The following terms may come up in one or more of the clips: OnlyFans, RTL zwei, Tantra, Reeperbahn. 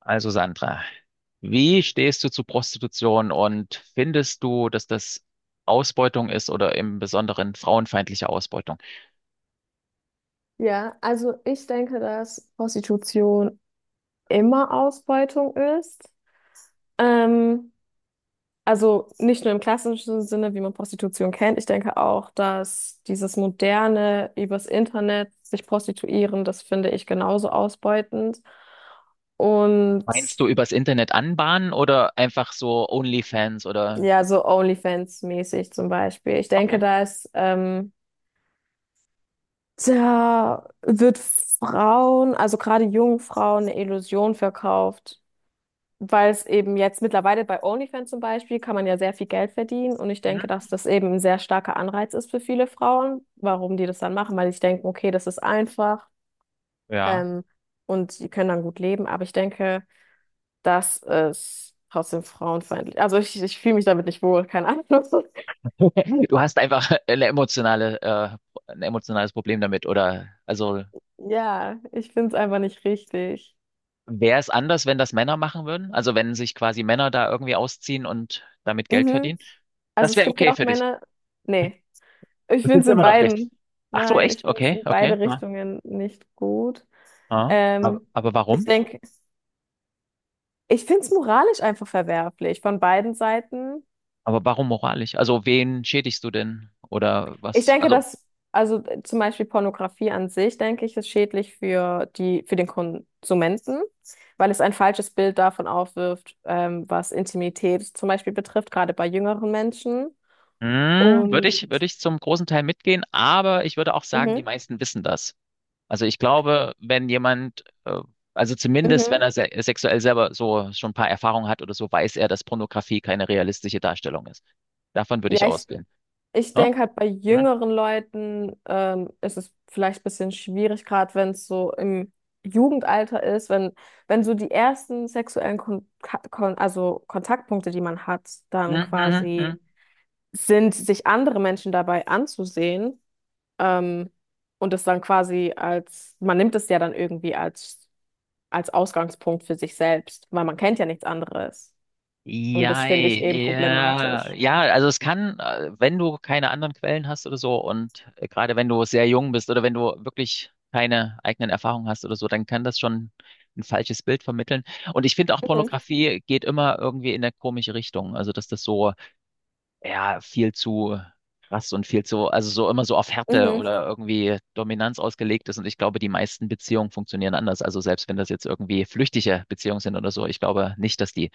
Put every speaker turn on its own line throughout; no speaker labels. Also Sandra, wie stehst du zu Prostitution und findest du, dass das Ausbeutung ist oder im Besonderen frauenfeindliche Ausbeutung?
Ja, also ich denke, dass Prostitution immer Ausbeutung ist. Ähm, also nicht nur im klassischen Sinne, wie man Prostitution kennt. Ich denke auch, dass dieses moderne, übers Internet sich prostituieren, das finde ich genauso ausbeutend. Und
Meinst du übers Internet anbahnen oder einfach so OnlyFans oder?
ja, so OnlyFans-mäßig zum Beispiel. Ich denke,
Okay.
da ist, da wird Frauen, also gerade jungen Frauen, eine Illusion verkauft, weil es eben jetzt mittlerweile bei OnlyFans zum Beispiel kann man ja sehr viel Geld verdienen. Und ich denke, dass
Mhm.
das eben ein sehr starker Anreiz ist für viele Frauen, warum die das dann machen, weil ich denke, okay, das ist einfach
Ja.
ähm, und die können dann gut leben, aber ich denke, das ist trotzdem frauenfeindlich. Also ich fühle mich damit nicht wohl, keine Ahnung.
Du hast einfach eine emotionale, ein emotionales Problem damit, oder also
Ja, ich finde es einfach nicht richtig.
wäre es anders, wenn das Männer machen würden? Also wenn sich quasi Männer da irgendwie ausziehen und damit Geld
Mhm.
verdienen?
Also
Das
es
wäre
gibt
okay
ja auch
für dich.
Männer. Nee, ich
Das
finde es
ist
in
immer noch schlecht.
beiden.
Ach so,
Nein, ich
echt?
finde es
Okay,
in
okay.
beide Richtungen nicht gut.
Ah, Aber
Ähm,
aber
Ich
warum?
denke, ich finde es moralisch einfach verwerflich von beiden Seiten.
Aber warum moralisch? Also wen schädigst du denn? Oder
Ich
was?
denke,
Also,
also zum Beispiel Pornografie an sich, denke ich, ist schädlich für für den Konsumenten, weil es ein falsches Bild davon aufwirft, was Intimität zum Beispiel betrifft, gerade bei jüngeren Menschen.
hm,
Und
würde ich zum großen Teil mitgehen, aber ich würde auch sagen, die
mhm,
meisten wissen das. Also ich glaube, wenn jemand, also zumindest wenn
mhm.
er se sexuell selber so schon ein paar Erfahrungen hat oder so, weiß er, dass Pornografie keine realistische Darstellung ist. Davon würde ich
Ja.
ausgehen.
Ich
Ne?
denke halt bei
Hm?
jüngeren Leuten ist es vielleicht ein bisschen schwierig, gerade wenn es so im Jugendalter ist, wenn so die ersten sexuellen Kontaktpunkte, die man hat,
Hm,
dann
hm, hm,
quasi
hm.
sind, sich andere Menschen dabei anzusehen, ähm, und das dann quasi man nimmt es ja dann irgendwie als Ausgangspunkt für sich selbst, weil man kennt ja nichts anderes. Und
Ja,
das finde ich eben
ja,
problematisch.
ja, also es kann, wenn du keine anderen Quellen hast oder so, und gerade wenn du sehr jung bist oder wenn du wirklich keine eigenen Erfahrungen hast oder so, dann kann das schon ein falsches Bild vermitteln. Und ich finde auch,
Mhm.
Pornografie geht immer irgendwie in eine komische Richtung. Also dass das so, ja, viel zu krass und viel zu, also so immer so auf Härte
Mhm.
oder irgendwie Dominanz ausgelegt ist. Und ich glaube, die meisten Beziehungen funktionieren anders. Also selbst wenn das jetzt irgendwie flüchtige Beziehungen sind oder so, ich glaube nicht, dass die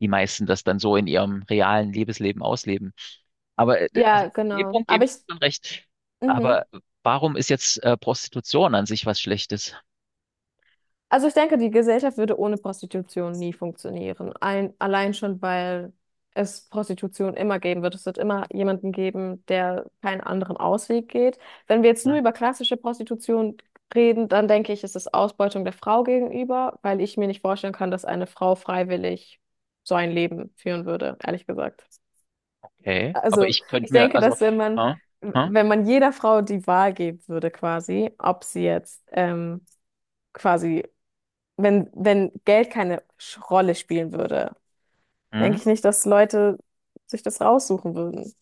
die meisten das dann so in ihrem realen Liebesleben ausleben. Aber also,
Ja,
dem
genau.
Punkt gebe
Aber
ich dir
ich.
schon recht.
Mhm.
Aber warum ist jetzt Prostitution an sich was Schlechtes?
Also ich denke, die Gesellschaft würde ohne Prostitution nie funktionieren. Allein schon, weil es Prostitution immer geben wird. Es wird immer jemanden geben, der keinen anderen Ausweg geht. Wenn wir jetzt nur
Hm.
über klassische Prostitution reden, dann denke ich, ist es Ausbeutung der Frau gegenüber, weil ich mir nicht vorstellen kann, dass eine Frau freiwillig so ein Leben führen würde, ehrlich gesagt.
Okay, aber
Also
ich könnte
ich
mir,
denke,
also,
dass
hm, hm,
wenn man jeder Frau die Wahl geben würde, quasi, ob sie jetzt quasi wenn Geld keine Rolle spielen würde,
hm.
denke ich nicht, dass Leute sich das raussuchen würden.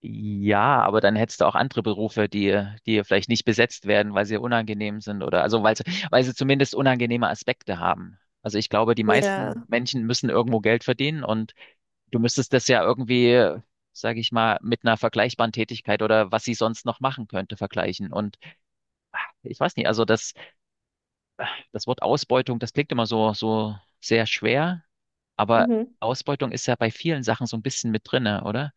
Ja, aber dann hättest du auch andere Berufe, die, die vielleicht nicht besetzt werden, weil sie unangenehm sind oder also weil sie zumindest unangenehme Aspekte haben. Also ich glaube, die
Ja.
meisten Menschen müssen irgendwo Geld verdienen, und du müsstest das ja irgendwie, sage ich mal, mit einer vergleichbaren Tätigkeit oder was sie sonst noch machen könnte, vergleichen. Und ich weiß nicht, also das, das Wort Ausbeutung, das klingt immer so, so sehr schwer, aber
Mhm.
Ausbeutung ist ja bei vielen Sachen so ein bisschen mit drinne, oder?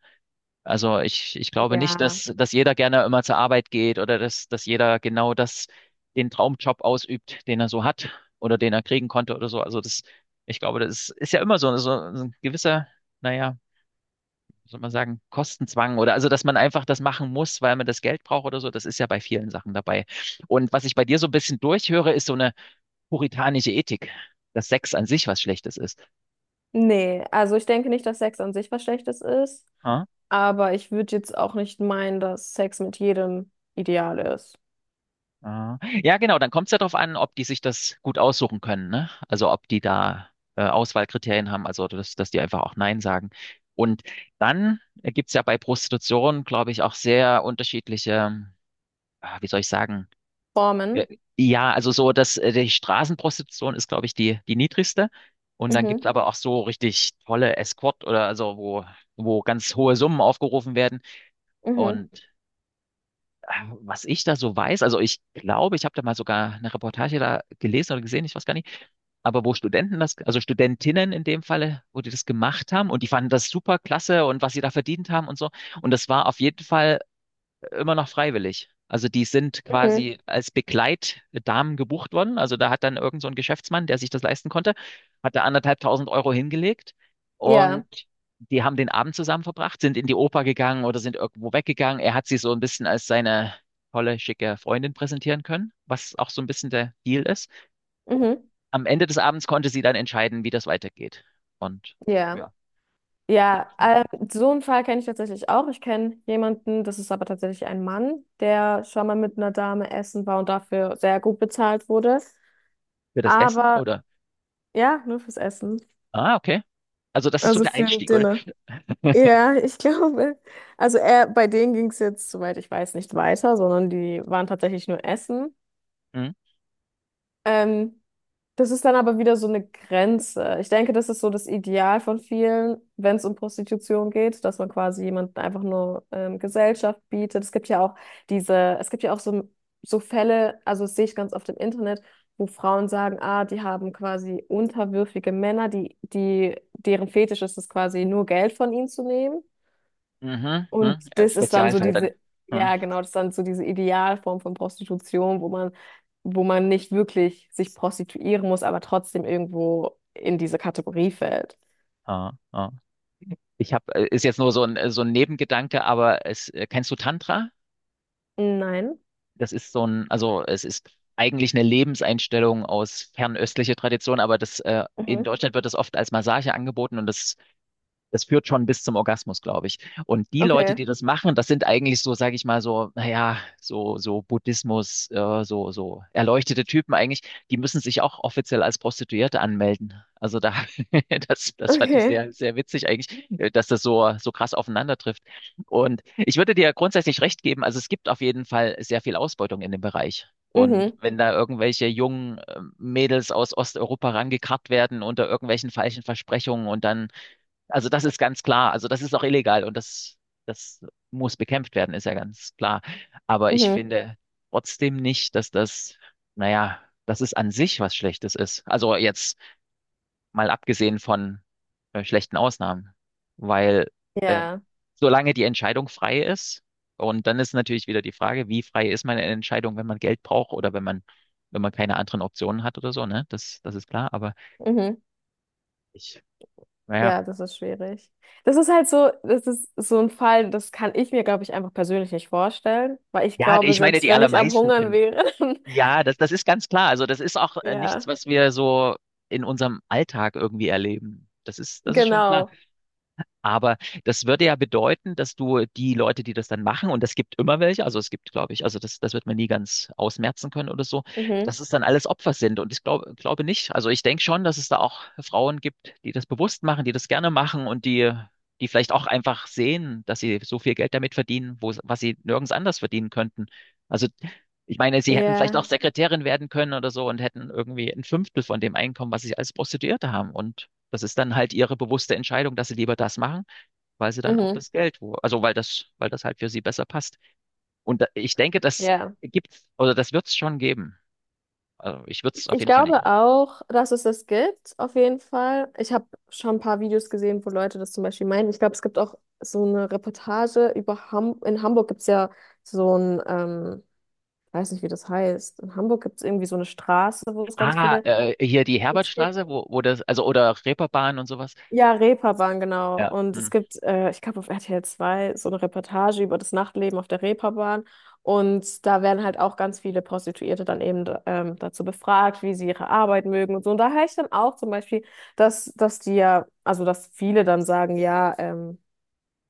Also ich glaube nicht,
Ja.
dass, dass jeder gerne immer zur Arbeit geht oder dass, dass jeder genau das, den Traumjob ausübt, den er so hat oder den er kriegen konnte oder so. Also das, ich glaube, das ist, ist ja immer so, so ein gewisser, naja, soll man sagen, Kostenzwang oder also, dass man einfach das machen muss, weil man das Geld braucht oder so, das ist ja bei vielen Sachen dabei. Und was ich bei dir so ein bisschen durchhöre, ist so eine puritanische Ethik, dass Sex an sich was Schlechtes ist.
Nee, also ich denke nicht, dass Sex an sich was Schlechtes ist,
Ah,
aber ich würde jetzt auch nicht meinen, dass Sex mit jedem ideal ist.
ah. Ja, genau, dann kommt es ja darauf an, ob die sich das gut aussuchen können, ne? Also ob die da Auswahlkriterien haben, also dass, dass die einfach auch Nein sagen. Und dann gibt's ja bei Prostitution, glaube ich, auch sehr unterschiedliche, ah, wie soll ich sagen, Äh,
Formen.
ja, also so, dass die Straßenprostitution ist, glaube ich, die, die niedrigste. Und dann gibt's
Mhm,
aber auch so richtig tolle Escort oder also wo, wo ganz hohe Summen aufgerufen werden.
mhm,
Und äh, was ich da so weiß, also ich glaube, ich habe da mal sogar eine Reportage da gelesen oder gesehen, ich weiß gar nicht, aber wo Studenten das, also Studentinnen in dem Falle, wo die das gemacht haben und die fanden das super klasse und was sie da verdient haben und so. Und das war auf jeden Fall immer noch freiwillig. Also die sind
mhm.
quasi als Begleitdamen gebucht worden. Also da hat dann irgend so ein Geschäftsmann, der sich das leisten konnte, hat da 1.500 Euro hingelegt,
Ja,
und die haben den Abend zusammen verbracht, sind in die Oper gegangen oder sind irgendwo weggegangen. Er hat sie so ein bisschen als seine tolle, schicke Freundin präsentieren können, was auch so ein bisschen der Deal ist.
mhm,
Am Ende des Abends konnte sie dann entscheiden, wie das weitergeht. Und
ja.
ja,
Ja,
nicht
so einen Fall kenne ich tatsächlich auch. Ich kenne jemanden, das ist aber tatsächlich ein Mann, der schon mal mit einer Dame essen war und dafür sehr gut bezahlt wurde.
für das Essen
Aber
oder?
ja, nur fürs Essen.
Ah, okay. Also das ist so
Also
der
für ein
Einstieg, oder?
Dinner. Ja, ich glaube. Also er, bei denen ging es jetzt, soweit ich weiß, nicht weiter, sondern die waren tatsächlich nur essen. Ähm, Das ist dann aber wieder so eine Grenze. Ich denke, das ist so das Ideal von vielen, wenn es um Prostitution geht, dass man quasi jemanden einfach nur Gesellschaft bietet. Es gibt ja auch es gibt ja auch so, so Fälle, also das sehe ich ganz oft im Internet, wo Frauen sagen, ah, die haben quasi unterwürfige Männer, deren Fetisch ist es quasi nur Geld von ihnen zu nehmen.
Mhm,
Und
mhm.
das ist dann so
Spezialfall dann. Mhm.
ja genau, das ist dann so diese Idealform von Prostitution, wo man nicht wirklich sich prostituieren muss, aber trotzdem irgendwo in diese Kategorie fällt.
Ah, ah. Ich habe, ist jetzt nur so ein Nebengedanke, aber es, kennst du Tantra?
Nein.
Das ist so ein, also es ist eigentlich eine Lebenseinstellung aus fernöstlicher Tradition, aber das, in
Mhm.
Deutschland wird das oft als Massage angeboten, und das führt schon bis zum Orgasmus, glaube ich. Und die Leute,
Okay.
die das machen, das sind eigentlich so, sage ich mal, so, naja, so, so Buddhismus, so, so erleuchtete Typen eigentlich, die müssen sich auch offiziell als Prostituierte anmelden. Also da, das, das fand ich
Okay.
sehr, sehr witzig eigentlich, dass das so, so krass aufeinander trifft. Und ich würde dir grundsätzlich recht geben, also es gibt auf jeden Fall sehr viel Ausbeutung in dem Bereich. Und
Mhm.
wenn da irgendwelche jungen Mädels aus Osteuropa rangekarrt werden unter irgendwelchen falschen Versprechungen und dann, also das ist ganz klar. Also das ist auch illegal, und das, das muss bekämpft werden, ist ja ganz klar. Aber ich
Mhm.
finde trotzdem nicht, dass das, naja, dass es an sich was Schlechtes ist. Also jetzt mal abgesehen von schlechten Ausnahmen, weil äh,
Ja.
solange die Entscheidung frei ist, und dann ist natürlich wieder die Frage, wie frei ist meine Entscheidung, wenn man Geld braucht oder wenn man, wenn man keine anderen Optionen hat oder so, ne? Das, das ist klar, aber
Mhm.
ich, naja.
Ja, das ist schwierig. Das ist halt so, das ist so ein Fall, das kann ich mir, glaube ich, einfach persönlich nicht vorstellen, weil ich
Ja, ja,
glaube,
ich meine,
selbst
die
wenn ich am
allermeisten
Hungern
können
wäre, dann,
ja, das, das ist ganz klar. Also das ist auch nichts,
ja,
was wir so in unserem Alltag irgendwie erleben. Das ist schon klar.
genau.
Aber das würde ja bedeuten, dass du die Leute, die das dann machen, und es gibt immer welche, also es gibt, glaube ich, also das, das wird man nie ganz ausmerzen können oder so, dass
Mhm.
es dann alles Opfer sind. Und ich glaube, glaube nicht. Also ich denke schon, dass es da auch Frauen gibt, die das bewusst machen, die das gerne machen und die, die vielleicht auch einfach sehen, dass sie so viel Geld damit verdienen, wo, was sie nirgends anders verdienen könnten. Also ich meine, sie hätten vielleicht auch
Ja.
Sekretärin werden können oder so und hätten irgendwie ein Fünftel von dem Einkommen, was sie als Prostituierte haben. Und das ist dann halt ihre bewusste Entscheidung, dass sie lieber das machen, weil sie dann auch
Mhm.
das Geld, wo, also weil das halt für sie besser passt. Und da, ich denke, das
Ja.
gibt's, oder das wird's schon geben. Also ich würde es auf
Ich
jeden Fall nicht
glaube
aus.
auch, dass es das gibt, auf jeden Fall. Ich habe schon ein paar Videos gesehen, wo Leute das zum Beispiel meinen. Ich glaube, es gibt auch so eine Reportage über Ham in Hamburg. Gibt es ja so ein, ähm, weiß nicht, wie das heißt. In Hamburg gibt es irgendwie so eine Straße, wo es ganz
Ah,
viele
hier die
Clips gibt.
Herbertstraße, wo, wo das, also oder Reeperbahn und sowas.
Ja, Reeperbahn, genau.
Ja.
Und es
Hm,
gibt, ich glaube, auf RTL 2 so eine Reportage über das Nachtleben auf der Reeperbahn. Und da werden halt auch ganz viele Prostituierte dann eben dazu befragt, wie sie ihre Arbeit mögen und so. Und da höre ich dann auch zum Beispiel, dass die ja, also dass viele dann sagen, ja,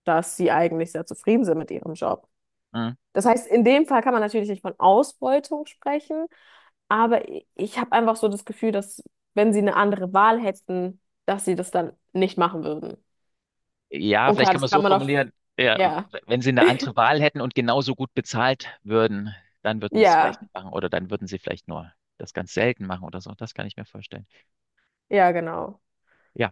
dass sie eigentlich sehr zufrieden sind mit ihrem Job.
hm.
Das heißt, in dem Fall kann man natürlich nicht von Ausbeutung sprechen, aber ich habe einfach so das Gefühl, dass wenn sie eine andere Wahl hätten, dass sie das dann nicht machen würden.
Ja,
Und
vielleicht
klar,
kann man
das
es so
kann man auf,
formulieren. Ja,
ja,
wenn sie eine andere Wahl hätten und genauso gut bezahlt würden, dann würden sie es vielleicht
ja,
nicht machen oder dann würden sie vielleicht nur das ganz selten machen oder so. Das kann ich mir vorstellen.
ja, genau.
Ja.